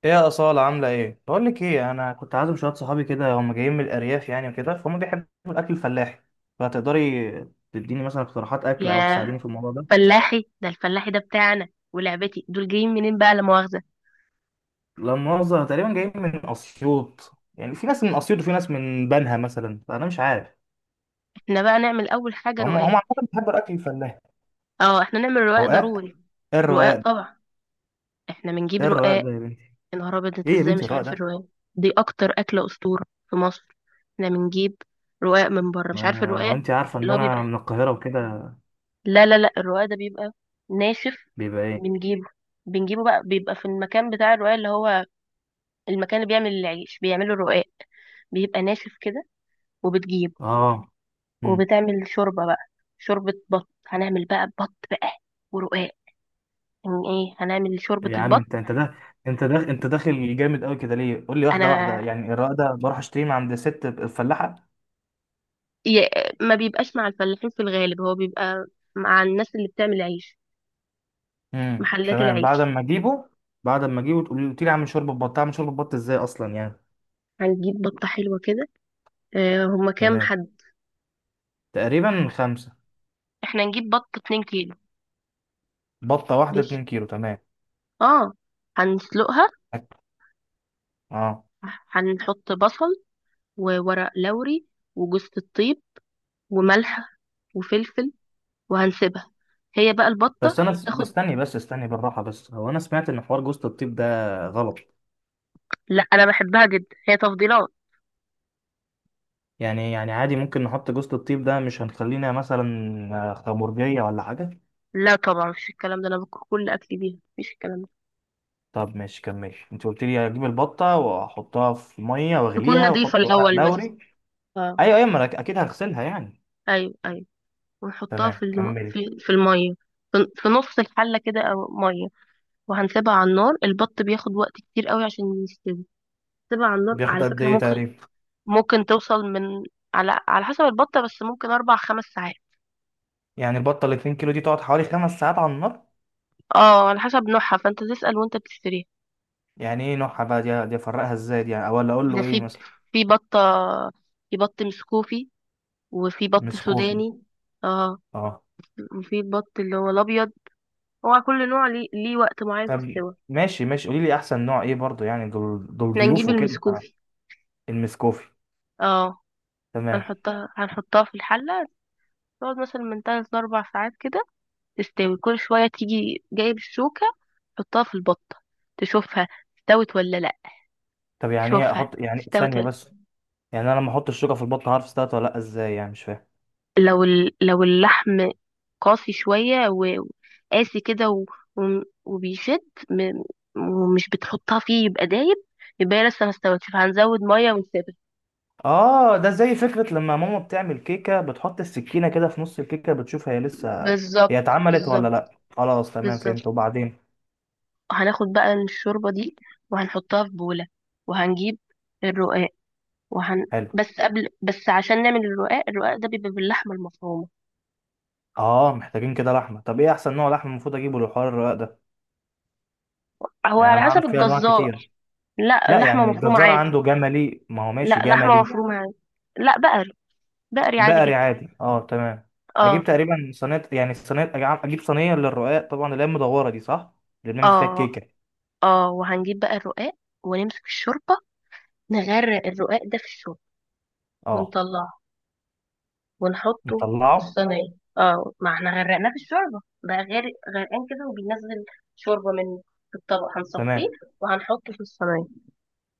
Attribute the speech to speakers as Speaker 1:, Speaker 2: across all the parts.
Speaker 1: ايه يا أصالة عاملة ايه؟ بقول لك ايه، انا كنت عازم شوية صحابي كده، هم جايين من الارياف يعني وكده، فهم بيحبوا الاكل الفلاحي. فتقدري تديني مثلا اقتراحات اكل او تساعديني
Speaker 2: يا
Speaker 1: في الموضوع ده؟
Speaker 2: فلاحي ده. الفلاحي ده بتاعنا؟ ولعبتي دول جايين منين بقى، لا مؤاخذة؟
Speaker 1: لا مؤاخذة، تقريبا جايين من اسيوط، يعني في ناس من اسيوط وفي ناس من بنها مثلا، فانا مش عارف.
Speaker 2: احنا بقى نعمل اول حاجة
Speaker 1: فهم
Speaker 2: رقاق.
Speaker 1: هم عامة بيحبوا الاكل الفلاحي.
Speaker 2: اه، احنا نعمل رقاق
Speaker 1: رقاق؟
Speaker 2: ضروري.
Speaker 1: ايه الرقاق
Speaker 2: رقاق
Speaker 1: ده؟
Speaker 2: طبعا، احنا بنجيب
Speaker 1: ايه الرقاق ده
Speaker 2: رقاق.
Speaker 1: يا بنتي؟
Speaker 2: يا نهار ابيض، انت
Speaker 1: ايه يا
Speaker 2: ازاي
Speaker 1: بنتي
Speaker 2: مش
Speaker 1: الرقاق
Speaker 2: عارف
Speaker 1: ده؟
Speaker 2: الرقاق؟ دي اكتر اكلة اسطورة في مصر. احنا بنجيب رقاق من بره. مش عارف
Speaker 1: ما
Speaker 2: الرقاق؟
Speaker 1: انت عارفة ان
Speaker 2: اللي هو
Speaker 1: انا
Speaker 2: بيبقى،
Speaker 1: من القاهرة وكده.
Speaker 2: لا لا لا، الرقاق ده بيبقى ناشف.
Speaker 1: بيبقى ايه؟
Speaker 2: بنجيبه بنجيبه بقى، بيبقى في المكان بتاع الرقاق، اللي هو المكان اللي بيعمل العيش بيعملوا الرقاق. بيبقى ناشف كده. وبتجيب
Speaker 1: اه. إمم.
Speaker 2: وبتعمل شوربة بقى. شوربة بط هنعمل بقى، بط بقى ورقاق. يعني ايه؟ هنعمل شوربة
Speaker 1: يا عم
Speaker 2: البط.
Speaker 1: انت، انت ده انت داخل جامد قوي كده ليه؟ قول لي واحده واحده
Speaker 2: انا
Speaker 1: يعني. الرق ده بروح اشتريه من عند ست الفلاحه؟
Speaker 2: ي- ما بيبقاش مع الفلاحين في الغالب، هو بيبقى مع الناس اللي بتعمل عيش، محلات
Speaker 1: تمام، بعد
Speaker 2: العيش.
Speaker 1: ما اجيبه. بعد ما اجيبه تقول لي اعمل شوربه بط. اعمل شوربه بط ازاي اصلا يعني؟
Speaker 2: هنجيب بطة حلوة كده. هما كام
Speaker 1: تمام،
Speaker 2: حد؟
Speaker 1: تقريبا خمسه.
Speaker 2: احنا نجيب بط 2 كيلو.
Speaker 1: بطه واحده
Speaker 2: ماشي.
Speaker 1: 2 كيلو، تمام.
Speaker 2: اه، هنسلقها.
Speaker 1: اه،
Speaker 2: هنحط بصل، وورق لوري، وجوزة الطيب، وملح، وفلفل، وهنسيبها هي بقى البطة
Speaker 1: بس انا
Speaker 2: تاخد.
Speaker 1: بستني بس، استني بالراحه، بس هو انا سمعت ان حوار جوزة الطيب ده غلط.
Speaker 2: لا، انا بحبها جدا، هي تفضيلات.
Speaker 1: يعني عادي ممكن نحط جوزة الطيب ده؟ مش هنخلينا مثلا خمرجيه ولا حاجه؟
Speaker 2: لا طبعا، مفيش الكلام ده، انا باكل كل اكلي بيها، مفيش الكلام ده.
Speaker 1: طب ماشي، كمل. انت قلت لي اجيب البطه واحطها في ميه
Speaker 2: تكون
Speaker 1: واغليها
Speaker 2: نضيفة
Speaker 1: واحط ورق
Speaker 2: الأول بس.
Speaker 1: لوري.
Speaker 2: اه،
Speaker 1: ايوه ما انا اكيد هغسلها يعني.
Speaker 2: ايوه ايوه. ونحطها
Speaker 1: تمام
Speaker 2: في
Speaker 1: كمل.
Speaker 2: في الميه، في نص الحله كده، او ميه. وهنسيبها على النار. البط بياخد وقت كتير قوي عشان يستوي. سيبها على النار،
Speaker 1: بياخد
Speaker 2: على
Speaker 1: قد
Speaker 2: فكره.
Speaker 1: ايه
Speaker 2: ممكن
Speaker 1: تقريبا؟
Speaker 2: ممكن توصل من، على حسب البطه، بس ممكن 4 5 ساعات.
Speaker 1: يعني البطه ال 2 كيلو دي تقعد حوالي خمس ساعات على النار؟
Speaker 2: اه، على حسب نوعها، فانت تسال وانت بتشتريها.
Speaker 1: يعني ايه نوعها بقى؟ دي افرقها ازاي دي يعني، ولا اقول
Speaker 2: ده
Speaker 1: له ايه
Speaker 2: في،
Speaker 1: مثلا؟
Speaker 2: في بطه، في بط مسكوفي، وفي بط
Speaker 1: مسكوفي.
Speaker 2: سوداني. اه،
Speaker 1: اه.
Speaker 2: وفي البط اللي هو الابيض. هو كل نوع ليه وقت معين في
Speaker 1: طب
Speaker 2: السوا.
Speaker 1: ماشي ماشي، قولي لي احسن نوع ايه برضو، يعني دول
Speaker 2: احنا نجيب
Speaker 1: ضيوف وكده.
Speaker 2: المسكوفي.
Speaker 1: المسكوفي؟
Speaker 2: اه.
Speaker 1: تمام.
Speaker 2: هنحطها في الحلة. تقعد مثلا من تلات لأربع ساعات كده، تستوي. كل شوية تيجي جايب الشوكة، تحطها في البطة، تشوفها استوت ولا لأ.
Speaker 1: طب يعني ايه
Speaker 2: تشوفها
Speaker 1: احط يعني؟
Speaker 2: استوت
Speaker 1: ثانيه
Speaker 2: ولا لأ.
Speaker 1: بس. يعني انا لما احط الشوكه في البطه هعرف استوت ولا لا ازاي يعني؟ مش فاهم.
Speaker 2: لو لو اللحم قاسي شوية وقاسي كده و... وبيشد م... ومش بتحطها فيه يبقى دايب، يبقى هي لسه ما استوتش، فهنزود مية ونسيبها.
Speaker 1: اه، ده زي فكرة لما ماما بتعمل كيكة بتحط السكينة كده في نص الكيكة، بتشوف هي لسه هي
Speaker 2: بالظبط،
Speaker 1: اتعملت ولا
Speaker 2: بالظبط،
Speaker 1: لا. خلاص تمام، فهمت.
Speaker 2: بالظبط.
Speaker 1: وبعدين؟
Speaker 2: هناخد بقى الشوربة دي وهنحطها في بولة، وهنجيب الرقاق وهن
Speaker 1: حلو.
Speaker 2: بس قبل، بس عشان نعمل الرقاق، الرقاق ده بيبقى باللحمة المفرومة.
Speaker 1: اه، محتاجين كده لحمة. طب ايه احسن نوع لحمة المفروض اجيبه للحوار الرقاق ده؟
Speaker 2: هو
Speaker 1: يعني
Speaker 2: على
Speaker 1: انا
Speaker 2: حسب
Speaker 1: اعرف فيه انواع
Speaker 2: الجزار.
Speaker 1: كتير.
Speaker 2: لا،
Speaker 1: لا،
Speaker 2: اللحمة
Speaker 1: يعني
Speaker 2: مفرومة
Speaker 1: الجزار
Speaker 2: عادي.
Speaker 1: عنده جملي، ما هو ماشي
Speaker 2: لا، لحمة
Speaker 1: جملي.
Speaker 2: مفرومة عادي. لا، بقري، بقري عادي
Speaker 1: بقري
Speaker 2: جدا.
Speaker 1: عادي، اه تمام. اجيب
Speaker 2: اه.
Speaker 1: تقريبا صينية، يعني صينية اجيب صينية للرقاق، طبعا اللي هي المدورة دي صح، اللي بنعمل فيها
Speaker 2: اه.
Speaker 1: الكيكة.
Speaker 2: اه، وهنجيب بقى الرقاق، ونمسك الشوربة، نغرق الرقاق ده في الشوربة،
Speaker 1: اه.
Speaker 2: ونطلعه ونحطه في
Speaker 1: نطلعه.
Speaker 2: الصينية. اه، ما احنا غرقناه في الشوربة بقى، غير غرقان كده وبينزل شوربة. من في الطبق هنصفيه
Speaker 1: تمام.
Speaker 2: وهنحطه في الصينية.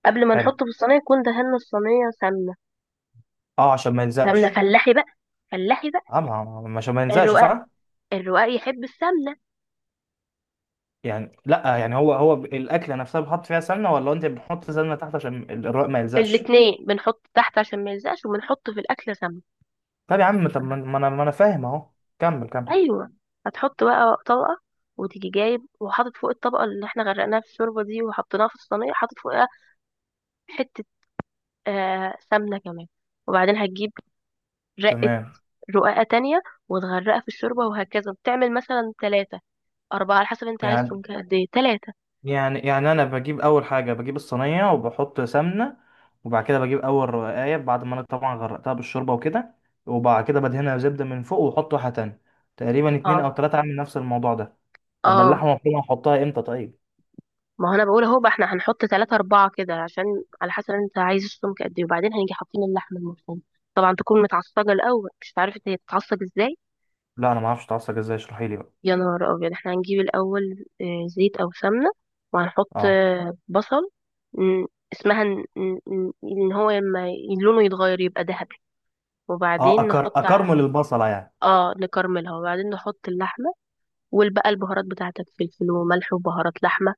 Speaker 2: قبل ما
Speaker 1: حلو.
Speaker 2: نحطه في الصينية يكون دهنا الصينية سمنة،
Speaker 1: اه، عشان ما
Speaker 2: سمنة
Speaker 1: يلزقش.
Speaker 2: فلاحي بقى، فلاحي بقى.
Speaker 1: طبعا، مش ما ينزلش
Speaker 2: الرقاق،
Speaker 1: صح؟
Speaker 2: الرقاق يحب السمنة.
Speaker 1: يعني لا، يعني هو الاكله نفسها بتحط فيها سمنه، ولا انت بتحط سمنه تحت عشان الرق ما يلزقش؟
Speaker 2: الاتنين بنحط تحت عشان ما يلزقش، وبنحط في الأكل سمنة.
Speaker 1: طب يا عم، طب ما انا، ما انا فاهم اهو. كمل.
Speaker 2: ايوه. هتحط بقى طبقه، وتيجي جايب وحاطط فوق الطبقه اللي احنا غرقناها في الشوربه دي وحطيناها في الصينيه، حاطط فوقها حته، آه، سمنة كمان. وبعدين هتجيب رقة
Speaker 1: تمام.
Speaker 2: رقاقة تانية وتغرقها في الشوربة، وهكذا. بتعمل مثلا تلاتة أربعة على حسب انت عايز
Speaker 1: يعني
Speaker 2: سمك قد ايه، تلاتة.
Speaker 1: يعني انا بجيب اول حاجه، بجيب الصينيه وبحط سمنه، وبعد كده بجيب اول رقايه بعد ما انا طبعا غرقتها بالشوربه وكده، وبعد كده بدهنها زبده من فوق واحط واحده تانية، تقريبا اتنين او
Speaker 2: اه.
Speaker 1: تلاته اعمل نفس الموضوع ده. لما
Speaker 2: اه.
Speaker 1: اللحمه مفرومه احطها امتى طيب؟
Speaker 2: ما هو انا بقول اهو بقى، احنا هنحط تلاتة أربعة كده عشان، على حسب انت عايز السمك قد ايه. وبعدين هنيجي حاطين اللحمة المفرومة. طبعا تكون متعصجة الأول. مش عارفة هي بتتعصج ازاي.
Speaker 1: لا انا ما اعرفش اتعصب ازاي، اشرحي لي بقى.
Speaker 2: يا نهار أبيض. احنا هنجيب الأول زيت أو سمنة، وهنحط
Speaker 1: اه
Speaker 2: بصل. م، اسمها ان إن- إن- إن هو لما لونه يتغير يبقى ذهبي،
Speaker 1: اه،
Speaker 2: وبعدين نحط
Speaker 1: اكرمل البصلة يعني.
Speaker 2: اه نكرملها. وبعدين نحط اللحمة، والبقى البهارات بتاعتك، فلفل وملح وبهارات لحمة.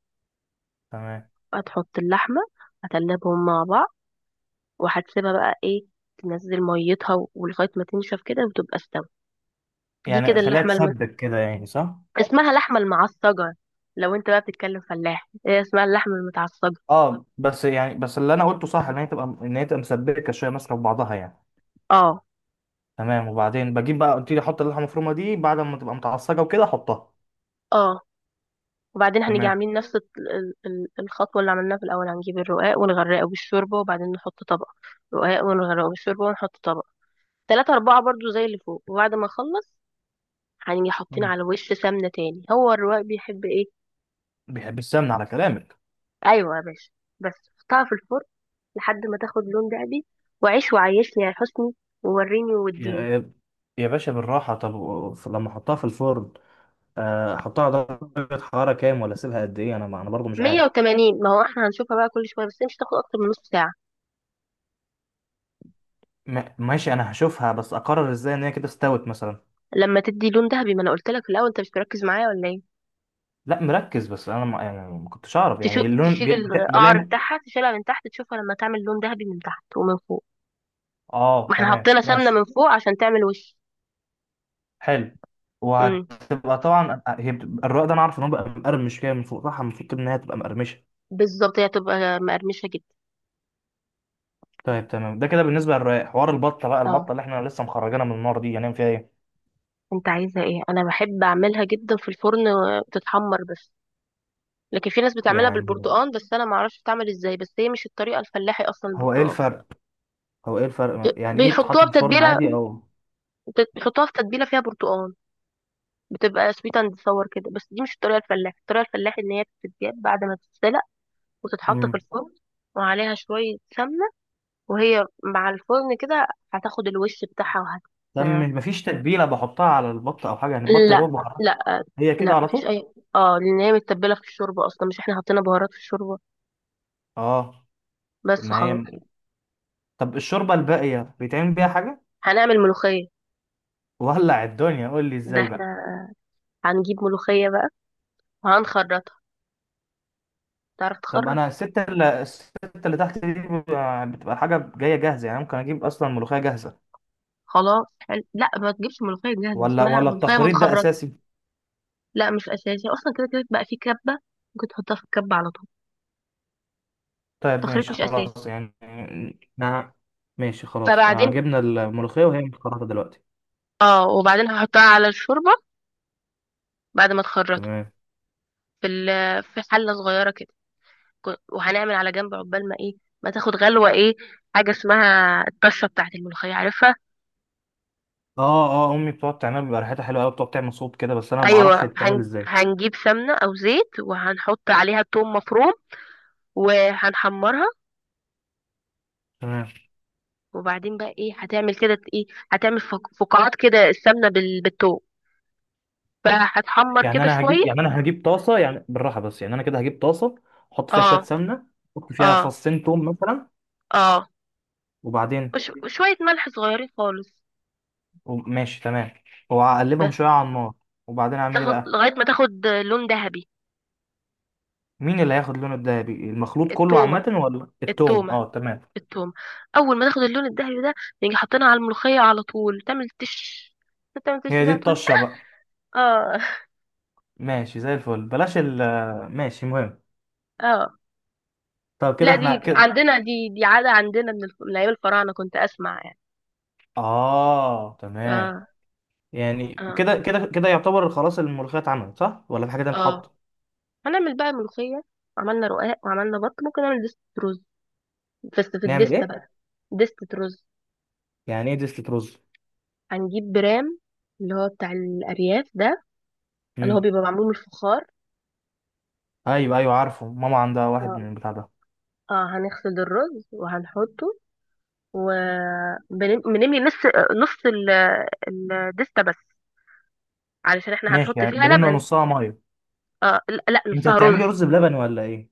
Speaker 1: تمام.
Speaker 2: هتحط اللحمة، هتقلبهم مع بعض، وهتسيبها بقى ايه، تنزل ميتها ولغاية ما تنشف كده وتبقى استوت. دي
Speaker 1: يعني
Speaker 2: كده
Speaker 1: خليها
Speaker 2: اللحمة
Speaker 1: تسبك كده يعني صح؟
Speaker 2: اسمها لحمة المعصجة. لو انت بقى بتتكلم فلاح، هي اسمها اللحمة المتعصجة.
Speaker 1: اه، بس يعني، بس اللي انا قلته صح، ان هي تبقى، ان هي تبقى مسبكه شويه ماسكه في بعضها يعني.
Speaker 2: اه.
Speaker 1: تمام. وبعدين بجيب بقى، قلت لي احط اللحمه المفرومه دي بعد ما تبقى متعصجه وكده احطها.
Speaker 2: اه. وبعدين هنيجي
Speaker 1: تمام.
Speaker 2: عاملين نفس الخطوة اللي عملناها في الأول. هنجيب الرقاق ونغرقه بالشوربة، وبعدين نحط طبق رقاق ونغرقه بالشوربة، ونحط طبق. تلاتة أربعة برضو زي اللي فوق. وبعد ما أخلص، هنيجي حاطين
Speaker 1: مم.
Speaker 2: على وش سمنة تاني. هو الرواق بيحب إيه؟
Speaker 1: بيحب السمنه على كلامك.
Speaker 2: أيوة يا باشا. بس حطها في الفرن لحد ما تاخد لون دهبي، وعيش وعيشني يا حسني، ووريني
Speaker 1: يا
Speaker 2: ووديني.
Speaker 1: يا يا باشا بالراحه. طب لما احطها في الفرن، احطها على درجه حراره كام ولا اسيبها قد ايه؟ انا انا برضو مش
Speaker 2: مية
Speaker 1: عارف.
Speaker 2: وتمانين ما هو احنا هنشوفها بقى كل شوية، بس هي مش هتاخد أكتر من نص ساعة.
Speaker 1: ماشي، انا هشوفها بس اقرر ازاي ان هي كده استوت مثلا؟
Speaker 2: لما تدي لون دهبي. ما أنا قلت لك في الأول، أنت مش مركز معايا ولا إيه؟
Speaker 1: لا مركز، بس انا ما يعني ما كنتش اعرف يعني اللون
Speaker 2: تشيل القعر
Speaker 1: بلام.
Speaker 2: بتاعها، تشيلها من تحت، تشوفها لما تعمل لون دهبي من تحت ومن فوق.
Speaker 1: اه
Speaker 2: ما احنا
Speaker 1: تمام،
Speaker 2: حطينا سمنة
Speaker 1: ماشي.
Speaker 2: من فوق عشان تعمل وش.
Speaker 1: حلو.
Speaker 2: امم.
Speaker 1: وهتبقى طبعا هي الرق ده انا عارف ان هو بقى مقرمش كده من فوق صح، المفروض ان هي تبقى مقرمشه.
Speaker 2: بالظبط، هي هتبقى مقرمشة جدا.
Speaker 1: طيب تمام، ده كده بالنسبه للرق. حوار البطه بقى، البطه
Speaker 2: اه.
Speaker 1: اللي احنا لسه مخرجينها من النار دي، هنعمل فيها ايه؟
Speaker 2: انت عايزة ايه؟ انا بحب اعملها جدا في الفرن وتتحمر بس. لكن في ناس بتعملها
Speaker 1: يعني
Speaker 2: بالبرتقال، بس انا ما اعرفش بتعمل ازاي، بس هي مش الطريقة الفلاحي اصلا
Speaker 1: هو ايه
Speaker 2: البرتقال.
Speaker 1: الفرق هو ايه الفرق يعني، ايه تتحط
Speaker 2: بيحطوها
Speaker 1: في الفرن
Speaker 2: بتتبيلة،
Speaker 1: عادي او؟
Speaker 2: بيحطوها في تتبيلة فيها برتقال، بتبقى سويت اند صور كده. بس دي مش الطريقة الفلاحي. الطريقة الفلاحي ان هي بتتجاب بعد ما تتسلق وتتحط في
Speaker 1: امم.
Speaker 2: الفرن، وعليها شوية سمنة، وهي مع الفرن كده هتاخد الوش بتاعها
Speaker 1: طب مفيش تتبيله بحطها على البطه او حاجه يعني؟ البطه يا
Speaker 2: لا.
Speaker 1: دوب بخرجها
Speaker 2: لا،
Speaker 1: هي
Speaker 2: لا
Speaker 1: كده على
Speaker 2: مفيش
Speaker 1: طول؟
Speaker 2: اي. اه، لان هي متبله في الشوربه اصلا، مش احنا حطينا بهارات في الشوربه.
Speaker 1: اه.
Speaker 2: بس
Speaker 1: ما
Speaker 2: خلاص.
Speaker 1: هي، طب الشوربه الباقيه بيتعمل بيها حاجه؟
Speaker 2: هنعمل ملوخية.
Speaker 1: ولع الدنيا، قول لي
Speaker 2: ده
Speaker 1: ازاي
Speaker 2: احنا
Speaker 1: بقى.
Speaker 2: هنجيب ملوخية بقى وهنخرطها. تعرف
Speaker 1: طب
Speaker 2: تخرط؟
Speaker 1: انا الستة اللي تحت دي بتبقى، بتبقى الحاجة جاية جاهزة يعني، ممكن اجيب اصلا ملوخية جاهزة؟
Speaker 2: خلاص، حلو. لا، ما تجيبش ملوخية جاهزة،
Speaker 1: ولا
Speaker 2: اسمها
Speaker 1: ولا
Speaker 2: ملوخية
Speaker 1: التخريط ده
Speaker 2: متخرطة.
Speaker 1: اساسي؟
Speaker 2: لا، مش أساسي أصلا، كده كده بقى في كبة، ممكن تحطها في الكبة على طول.
Speaker 1: طيب
Speaker 2: التخريط
Speaker 1: ماشي
Speaker 2: مش أساسي.
Speaker 1: خلاص يعني. نعم. ماشي خلاص،
Speaker 2: فبعدين،
Speaker 1: جبنا الملوخية وهي متخرطة دلوقتي.
Speaker 2: اه، وبعدين هحطها على الشوربة، بعد ما تخرطها،
Speaker 1: تمام.
Speaker 2: في حلة صغيرة كده. وهنعمل على جنب عقبال ما ايه، ما تاخد غلوة ايه. حاجة اسمها الطشة بتاعت الملوخية، عارفها؟
Speaker 1: اه اه، امي بتقعد تعملها بيبقى ريحتها حلوه قوي، بتقعد تعمل صوت كده، بس انا ما بعرفش هي
Speaker 2: ايوه.
Speaker 1: بتتعمل ازاي.
Speaker 2: هنجيب سمنه او زيت، وهنحط عليها توم مفروم، وهنحمرها.
Speaker 1: تمام.
Speaker 2: وبعدين بقى ايه؟ هتعمل كده ايه، هتعمل فقاعات كده السمنه بالتوم، فهتحمر كده شويه.
Speaker 1: انا هجيب طاسه يعني، بالراحه بس، يعني انا كده هجيب طاسه احط فيها
Speaker 2: اه.
Speaker 1: شويه سمنه، احط
Speaker 2: اه.
Speaker 1: فيها فصين توم مثلا.
Speaker 2: اه.
Speaker 1: وبعدين؟
Speaker 2: وشويه ملح صغيرين خالص.
Speaker 1: ماشي تمام، وأقلبهم
Speaker 2: بس.
Speaker 1: شوية على النار، وبعدين أعمل إيه
Speaker 2: تاخد
Speaker 1: بقى؟
Speaker 2: لغايه ما تاخد لون ذهبي.
Speaker 1: مين اللي هياخد لونه الدهبي، المخلوط كله عامة
Speaker 2: التومه،
Speaker 1: ولا التومة؟
Speaker 2: التومه،
Speaker 1: اه تمام.
Speaker 2: التومه. اول ما تاخد اللون الذهبي ده، نيجي حاطينها على الملوخيه على طول، تعمل تش، تعمل تش
Speaker 1: هي دي
Speaker 2: بقى، تقول.
Speaker 1: الطشة بقى؟
Speaker 2: اه.
Speaker 1: ماشي زي الفل، بلاش ال ماشي مهم.
Speaker 2: اه.
Speaker 1: طب كده
Speaker 2: لا دي
Speaker 1: احنا
Speaker 2: ممكن، اه،
Speaker 1: كده؟
Speaker 2: عندنا دي، دي عادة عندنا من من أيام الفراعنة، كنت أسمع يعني.
Speaker 1: اه تمام.
Speaker 2: اه.
Speaker 1: يعني
Speaker 2: اه.
Speaker 1: كده يعتبر خلاص الملوخية اتعملت صح، ولا في حاجة تانية
Speaker 2: اه.
Speaker 1: بتتحط؟
Speaker 2: هنعمل بقى ملوخية. عملنا رقاق وعملنا بط، ممكن نعمل دستة رز، بس في
Speaker 1: نعمل
Speaker 2: الدستة
Speaker 1: ايه؟
Speaker 2: بقى. دستة رز.
Speaker 1: يعني ايه دستة رز؟
Speaker 2: هنجيب برام، اللي هو بتاع الأرياف ده، اللي هو
Speaker 1: امم.
Speaker 2: بيبقى معمول من الفخار.
Speaker 1: ايوه عارفه، ماما عندها واحد
Speaker 2: اه.
Speaker 1: من البتاع ده.
Speaker 2: اه، هنغسل الرز وهنحطه، وبنملي نص، نص الدستة بس، علشان احنا
Speaker 1: ماشي،
Speaker 2: هنحط
Speaker 1: يعني
Speaker 2: فيها
Speaker 1: بنملى
Speaker 2: لبن.
Speaker 1: نصها ميه؟
Speaker 2: اه، لا لا،
Speaker 1: انت
Speaker 2: نصها
Speaker 1: هتعملي
Speaker 2: رز.
Speaker 1: رز بلبن ولا ايه؟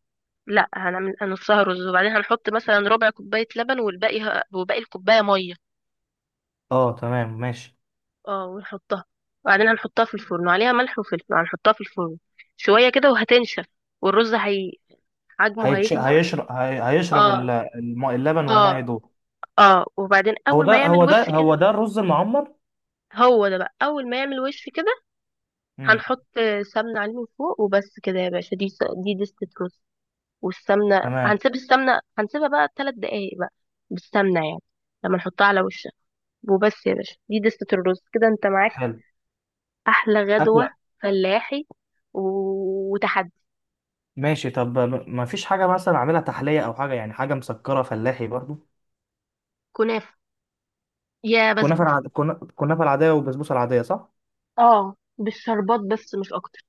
Speaker 2: لا، هنعمل هنصهره رز، وبعدين هنحط مثلا ربع كوباية لبن، والباقي وباقي الكوباية مية.
Speaker 1: اه تمام ماشي.
Speaker 2: اه، ونحطها، وبعدين هنحطها في الفرن وعليها ملح وفلفل. هنحطها في الفرن شوية كده وهتنشف، والرز هي حجمه هيكبر.
Speaker 1: هيشرب هيشرب
Speaker 2: اه.
Speaker 1: اللبن والميه
Speaker 2: اه.
Speaker 1: دول؟
Speaker 2: اه، وبعدين
Speaker 1: هو
Speaker 2: اول ما
Speaker 1: ده
Speaker 2: يعمل
Speaker 1: هو ده
Speaker 2: وش كده.
Speaker 1: هو ده الرز المعمر.
Speaker 2: هو ده بقى، اول ما يعمل وش كده،
Speaker 1: امم.
Speaker 2: هنحط سمنة عليه من فوق، وبس كده يا باشا. دي دي دستة رز. والسمنة
Speaker 1: تمام.
Speaker 2: هنسيب السمنة، هنسيبها بقى 3 دقايق بقى بالسمنة، يعني لما نحطها على وش. وبس يا باشا، دي دستة الرز كده، انت معاك
Speaker 1: حلو.
Speaker 2: احلى غدوة
Speaker 1: اكله.
Speaker 2: فلاحي وتحدي.
Speaker 1: ماشي طب، ما فيش حاجه مثلا اعملها تحليه او حاجه، يعني حاجه مسكره فلاحي برضو؟
Speaker 2: كنافة، يا
Speaker 1: كنافه
Speaker 2: بسبوسة.
Speaker 1: كنافه العاديه والبسبوسه العاديه صح؟
Speaker 2: اه، بالشربات بس، مش اكتر.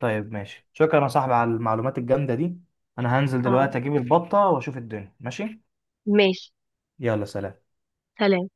Speaker 1: طيب ماشي، شكرا يا صاحبي على المعلومات الجامده دي. انا هنزل
Speaker 2: اه،
Speaker 1: دلوقتي اجيب البطه واشوف الدنيا. ماشي؟
Speaker 2: ماشي،
Speaker 1: يلا سلام.
Speaker 2: سلام.